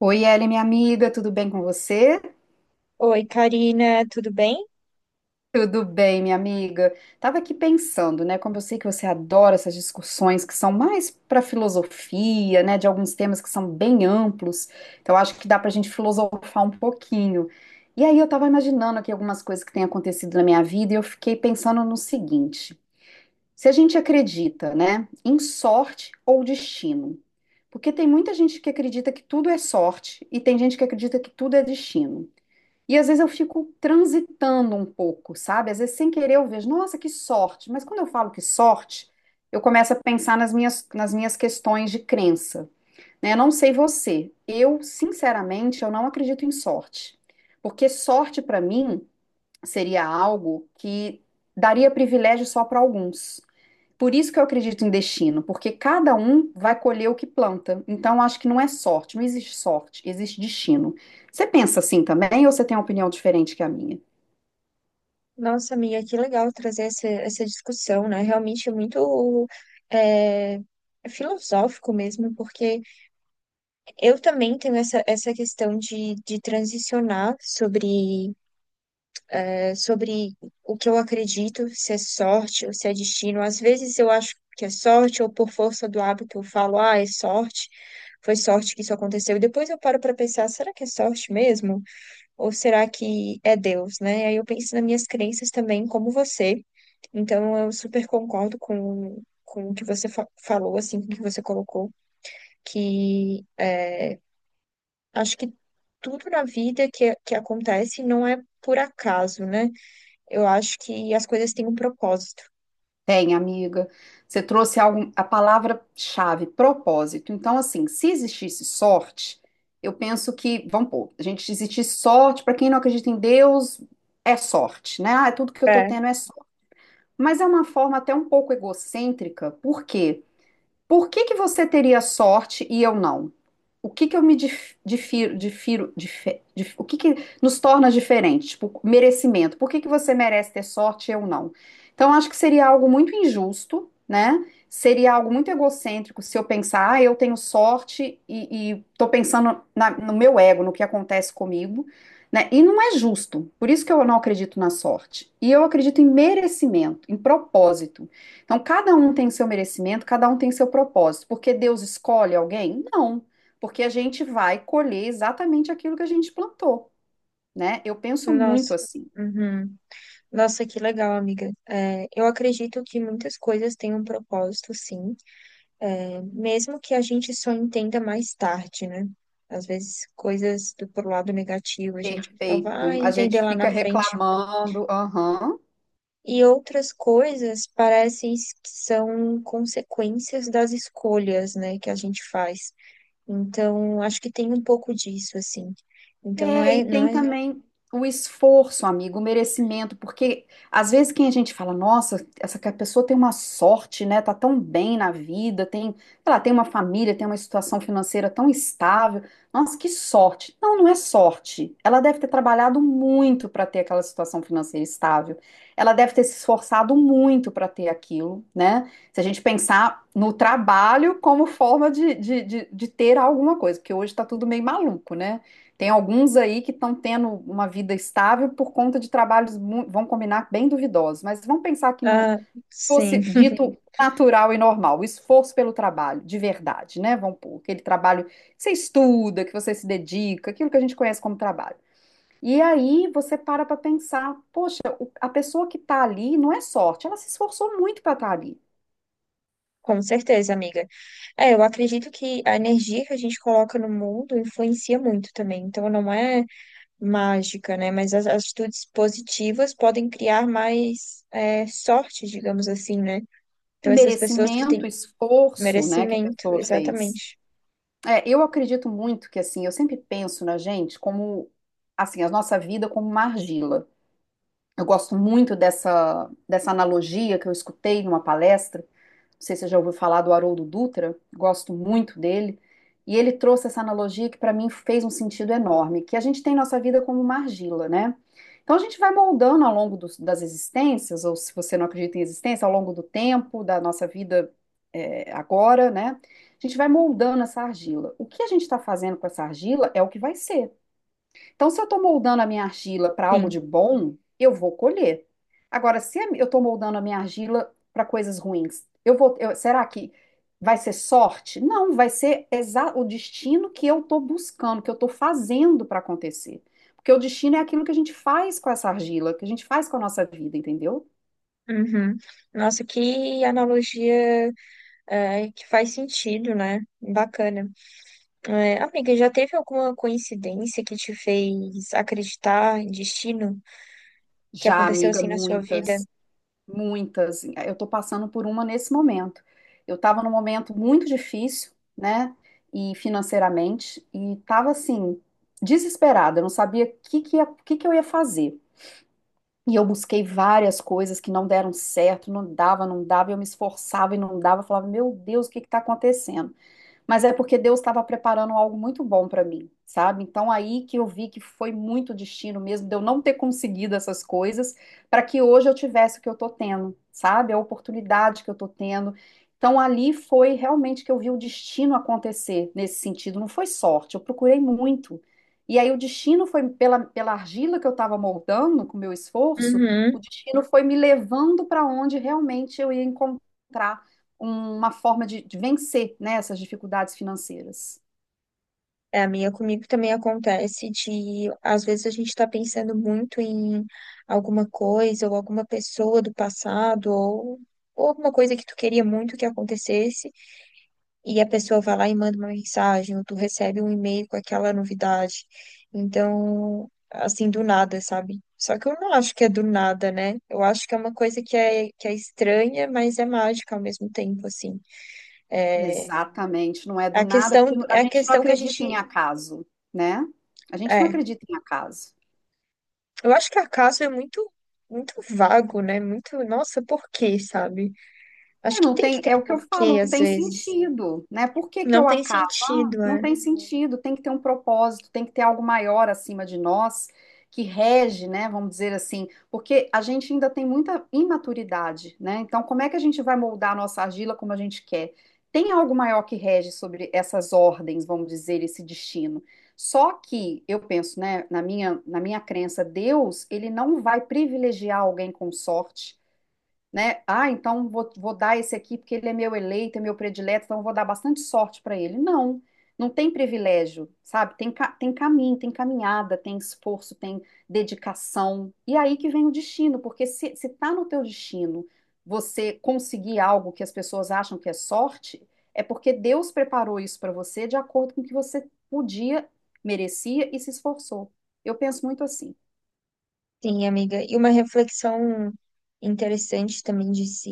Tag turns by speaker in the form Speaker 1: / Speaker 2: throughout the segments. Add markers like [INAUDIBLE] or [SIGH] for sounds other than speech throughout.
Speaker 1: Oi, Ellen, minha amiga, tudo bem com você?
Speaker 2: Oi, Karina, tudo bem?
Speaker 1: Tudo bem, minha amiga. Tava aqui pensando, né? Como eu sei que você adora essas discussões que são mais para filosofia, né? De alguns temas que são bem amplos. Então, acho que dá para a gente filosofar um pouquinho. E aí, eu tava imaginando aqui algumas coisas que têm acontecido na minha vida e eu fiquei pensando no seguinte: se a gente acredita, né, em sorte ou destino? Porque tem muita gente que acredita que tudo é sorte e tem gente que acredita que tudo é destino. E às vezes eu fico transitando um pouco, sabe? Às vezes sem querer eu vejo, nossa, que sorte. Mas quando eu falo que sorte, eu começo a pensar nas minhas questões de crença, né? Eu não sei você, eu sinceramente eu não acredito em sorte, porque sorte para mim seria algo que daria privilégio só para alguns. Por isso que eu acredito em destino, porque cada um vai colher o que planta. Então, acho que não é sorte, não existe sorte, existe destino. Você pensa assim também ou você tem uma opinião diferente que a minha?
Speaker 2: Nossa, amiga, que legal trazer essa discussão, né? Realmente é muito é, filosófico mesmo, porque eu também tenho essa questão de transicionar sobre, sobre o que eu acredito, se é sorte ou se é destino. Às vezes eu acho que é sorte, ou por força do hábito eu falo, ah, é sorte, foi sorte que isso aconteceu. E depois eu paro para pensar, será que é sorte mesmo? Ou será que é Deus, né? Aí eu penso nas minhas crenças também, como você. Então eu super concordo com o que você falou, assim, com o que você colocou, que acho que tudo na vida que acontece não é por acaso, né? Eu acho que as coisas têm um propósito.
Speaker 1: Tem, amiga. Você trouxe algo, a palavra-chave, propósito. Então, assim, se existisse sorte, eu penso que, vamos pôr, a gente se existisse sorte, para quem não acredita em Deus, é sorte, né? Ah, tudo que eu tô
Speaker 2: É,
Speaker 1: tendo é sorte. Mas é uma forma até um pouco egocêntrica, por quê? Por que que você teria sorte e eu não? O que que eu me o que que nos torna diferentes? Tipo, merecimento. Por que que você merece ter sorte e eu não? Então, acho que seria algo muito injusto, né? Seria algo muito egocêntrico se eu pensar, ah, eu tenho sorte e tô pensando no meu ego, no que acontece comigo, né? E não é justo. Por isso que eu não acredito na sorte. E eu acredito em merecimento, em propósito. Então, cada um tem seu merecimento, cada um tem seu propósito. Porque Deus escolhe alguém? Não, porque a gente vai colher exatamente aquilo que a gente plantou, né? Eu penso muito
Speaker 2: nossa.
Speaker 1: assim.
Speaker 2: Uhum. Nossa, que legal, amiga. É, eu acredito que muitas coisas têm um propósito, sim. Mesmo que a gente só entenda mais tarde, né? Às vezes, coisas do pro lado negativo, a gente só
Speaker 1: Perfeito.
Speaker 2: vai
Speaker 1: A
Speaker 2: entender
Speaker 1: gente
Speaker 2: lá
Speaker 1: fica
Speaker 2: na frente.
Speaker 1: reclamando, aham.
Speaker 2: E outras coisas parecem que são consequências das escolhas, né, que a gente faz. Então, acho que tem um pouco disso, assim. Então, não
Speaker 1: É, e
Speaker 2: é, não
Speaker 1: tem
Speaker 2: é,
Speaker 1: também o esforço, amigo, o merecimento, porque às vezes quem a gente fala, nossa, essa que a pessoa tem uma sorte, né? Tá tão bem na vida, tem, sei lá, tem uma família, tem uma situação financeira tão estável. Nossa, que sorte. Não, não é sorte. Ela deve ter trabalhado muito para ter aquela situação financeira estável. Ela deve ter se esforçado muito para ter aquilo, né? Se a gente pensar no trabalho como forma de ter alguma coisa, porque hoje tá tudo meio maluco, né? Tem alguns aí que estão tendo uma vida estável por conta de trabalhos, vão combinar, bem duvidosos, mas vamos pensar que não
Speaker 2: ah, sim,
Speaker 1: fosse
Speaker 2: [LAUGHS]
Speaker 1: dito Sim. natural e normal, o esforço pelo trabalho, de verdade, né? Vamos pôr aquele trabalho que você estuda, que você se dedica, aquilo que a gente conhece como trabalho. E aí você para pensar, poxa, a pessoa que está ali não é sorte, ela se esforçou muito para estar ali.
Speaker 2: com certeza, amiga. É, eu acredito que a energia que a gente coloca no mundo influencia muito também. Então, não é mágica, né? Mas as atitudes positivas podem criar mais sorte, digamos assim, né?
Speaker 1: É
Speaker 2: Então, essas pessoas que
Speaker 1: merecimento,
Speaker 2: têm
Speaker 1: esforço, né, que a
Speaker 2: merecimento,
Speaker 1: pessoa fez.
Speaker 2: exatamente.
Speaker 1: É, eu acredito muito que assim, eu sempre penso na gente como assim, a nossa vida como uma argila. Eu gosto muito dessa analogia que eu escutei numa palestra, não sei se você já ouviu falar do Haroldo Dutra, gosto muito dele. E ele trouxe essa analogia que para mim fez um sentido enorme, que a gente tem nossa vida como uma argila, né? Então a gente vai moldando ao longo das existências, ou se você não acredita em existência, ao longo do tempo, da nossa vida é, agora, né? A gente vai moldando essa argila. O que a gente está fazendo com essa argila é o que vai ser. Então, se eu estou moldando a minha argila para algo de
Speaker 2: Sim.
Speaker 1: bom, eu vou colher. Agora, se eu estou moldando a minha argila para coisas ruins, será que vai ser sorte? Não, vai ser o destino que eu estou buscando, que eu estou fazendo para acontecer. Porque o destino é aquilo que a gente faz com essa argila, que a gente faz com a nossa vida, entendeu?
Speaker 2: Uhum. Nossa, que analogia que faz sentido, né? Bacana. É, amiga, já teve alguma coincidência que te fez acreditar em destino que
Speaker 1: Já,
Speaker 2: aconteceu
Speaker 1: amiga,
Speaker 2: assim na sua vida?
Speaker 1: muitas. Muitas. Eu estou passando por uma nesse momento. Eu estava num momento muito difícil, né? E financeiramente, e estava assim, desesperada, eu não sabia o que que eu ia fazer. E eu busquei várias coisas que não deram certo, não dava, e eu me esforçava e não dava, eu falava, meu Deus, o que está acontecendo? Mas é porque Deus estava preparando algo muito bom para mim, sabe? Então aí que eu vi que foi muito destino mesmo de eu não ter conseguido essas coisas para que hoje eu tivesse o que eu tô tendo, sabe? A oportunidade que eu tô tendo. Então ali foi realmente que eu vi o destino acontecer nesse sentido, não foi sorte, eu procurei muito. E aí o destino foi pela argila que eu estava moldando com o meu esforço, o
Speaker 2: Uhum.
Speaker 1: destino foi me levando para onde realmente eu ia encontrar uma forma de vencer, né, essas dificuldades financeiras.
Speaker 2: É, a minha comigo também acontece de, às vezes, a gente está pensando muito em alguma coisa ou alguma pessoa do passado ou alguma coisa que tu queria muito que acontecesse e a pessoa vai lá e manda uma mensagem ou tu recebe um e-mail com aquela novidade. Então, assim, do nada, sabe? Só que eu não acho que é do nada, né? Eu acho que é uma coisa que é estranha, mas é mágica ao mesmo tempo, assim. É,
Speaker 1: Exatamente, não é do nada, porque a
Speaker 2: é a
Speaker 1: gente não
Speaker 2: questão que a
Speaker 1: acredita em
Speaker 2: gente.
Speaker 1: acaso, né? A gente não
Speaker 2: é,
Speaker 1: acredita em acaso.
Speaker 2: Eu acho que acaso é muito vago, né? Muito, nossa, por quê, sabe?
Speaker 1: É,
Speaker 2: Acho que
Speaker 1: não
Speaker 2: tem que
Speaker 1: tem,
Speaker 2: ter
Speaker 1: é
Speaker 2: um
Speaker 1: o que eu falo,
Speaker 2: porquê,
Speaker 1: não
Speaker 2: às
Speaker 1: tem
Speaker 2: vezes.
Speaker 1: sentido, né? Por que que é
Speaker 2: Não
Speaker 1: o
Speaker 2: tem
Speaker 1: acaso? Ah,
Speaker 2: sentido,
Speaker 1: não
Speaker 2: né?
Speaker 1: tem sentido, tem que ter um propósito, tem que ter algo maior acima de nós que rege, né? Vamos dizer assim, porque a gente ainda tem muita imaturidade, né? Então, como é que a gente vai moldar a nossa argila como a gente quer? Tem algo maior que rege sobre essas ordens, vamos dizer, esse destino. Só que eu penso, né, na minha crença, Deus, ele não vai privilegiar alguém com sorte né? Ah, então vou dar esse aqui porque ele é meu eleito, é meu predileto, então eu vou dar bastante sorte para ele. Não, não tem privilégio, sabe? Tem, tem caminho, tem caminhada, tem esforço, tem dedicação. E aí que vem o destino, porque se tá no teu destino você conseguir algo que as pessoas acham que é sorte, é porque Deus preparou isso para você de acordo com o que você podia, merecia e se esforçou. Eu penso muito assim.
Speaker 2: Sim, amiga. E uma reflexão interessante também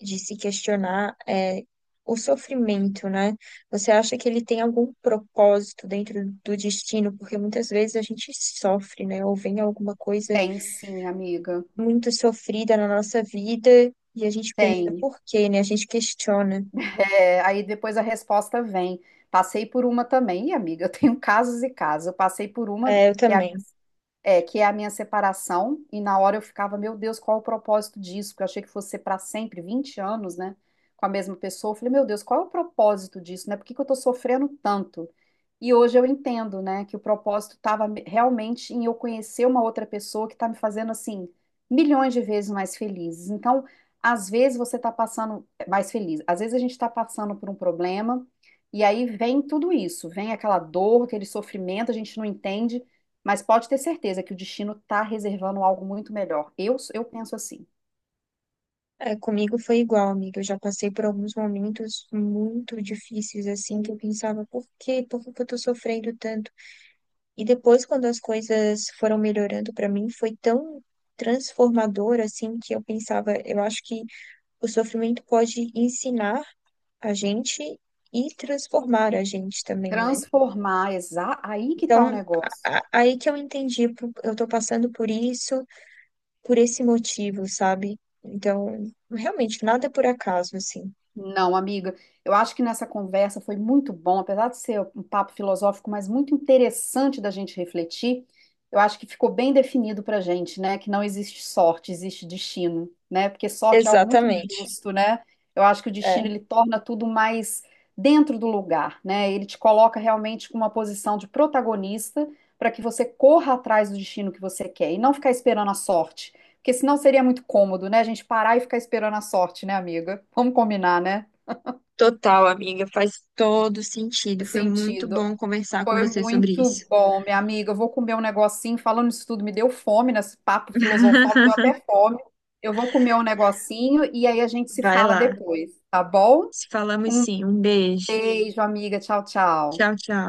Speaker 2: de se questionar é o sofrimento, né? Você acha que ele tem algum propósito dentro do destino? Porque muitas vezes a gente sofre, né? Ou vem alguma coisa
Speaker 1: Tem sim, amiga.
Speaker 2: muito sofrida na nossa vida e a gente pensa,
Speaker 1: Tem.
Speaker 2: por quê, né? A gente questiona.
Speaker 1: É, aí depois a resposta vem. Passei por uma também, e amiga, eu tenho [LAUGHS] casos e casos. Eu passei por uma
Speaker 2: É, eu
Speaker 1: que
Speaker 2: também.
Speaker 1: é, que é a minha separação, e na hora eu ficava, meu Deus, qual é o propósito disso? Porque eu achei que fosse ser para sempre, 20 anos, né, com a mesma pessoa. Eu falei, meu Deus, qual é o propósito disso, né? Por que que eu tô sofrendo tanto? E hoje eu entendo, né, que o propósito estava realmente em eu conhecer uma outra pessoa que tá me fazendo, assim, milhões de vezes mais felizes. Então, às vezes você tá passando é, mais feliz, às vezes a gente tá passando por um problema, e aí vem tudo isso, vem aquela dor, aquele sofrimento, a gente não entende. Mas pode ter certeza que o destino está reservando algo muito melhor. Eu penso assim.
Speaker 2: É, comigo foi igual, amiga. Eu já passei por alguns momentos muito difíceis, assim, que eu pensava, por quê? Por que que eu tô sofrendo tanto? E depois, quando as coisas foram melhorando pra mim, foi tão transformador, assim, que eu pensava, eu acho que o sofrimento pode ensinar a gente e transformar a gente também, né?
Speaker 1: Transformar, aí que está o
Speaker 2: Então,
Speaker 1: negócio.
Speaker 2: aí que eu entendi, eu tô passando por isso, por esse motivo, sabe? Então, realmente, nada é por acaso, assim.
Speaker 1: Não, amiga, eu acho que nessa conversa foi muito bom, apesar de ser um papo filosófico, mas muito interessante da gente refletir. Eu acho que ficou bem definido pra gente, né? Que não existe sorte, existe destino, né? Porque sorte é algo muito
Speaker 2: Exatamente.
Speaker 1: injusto, né? Eu acho que o
Speaker 2: É,
Speaker 1: destino ele torna tudo mais dentro do lugar, né? Ele te coloca realmente com uma posição de protagonista para que você corra atrás do destino que você quer e não ficar esperando a sorte. Porque senão seria muito cômodo, né? A gente parar e ficar esperando a sorte, né, amiga? Vamos combinar, né?
Speaker 2: total, amiga, faz todo sentido.
Speaker 1: No
Speaker 2: Foi muito
Speaker 1: sentido.
Speaker 2: bom conversar com
Speaker 1: Foi
Speaker 2: você sobre
Speaker 1: muito
Speaker 2: isso.
Speaker 1: bom, minha amiga. Eu vou comer um negocinho. Falando isso tudo, me deu fome nesse papo filosofal, me deu
Speaker 2: [LAUGHS]
Speaker 1: até fome. Eu vou comer um negocinho e aí a gente se
Speaker 2: Vai
Speaker 1: fala
Speaker 2: lá.
Speaker 1: depois, tá bom?
Speaker 2: Se falamos
Speaker 1: Um
Speaker 2: sim. Um beijo.
Speaker 1: beijo, amiga. Tchau, tchau.
Speaker 2: Tchau, tchau.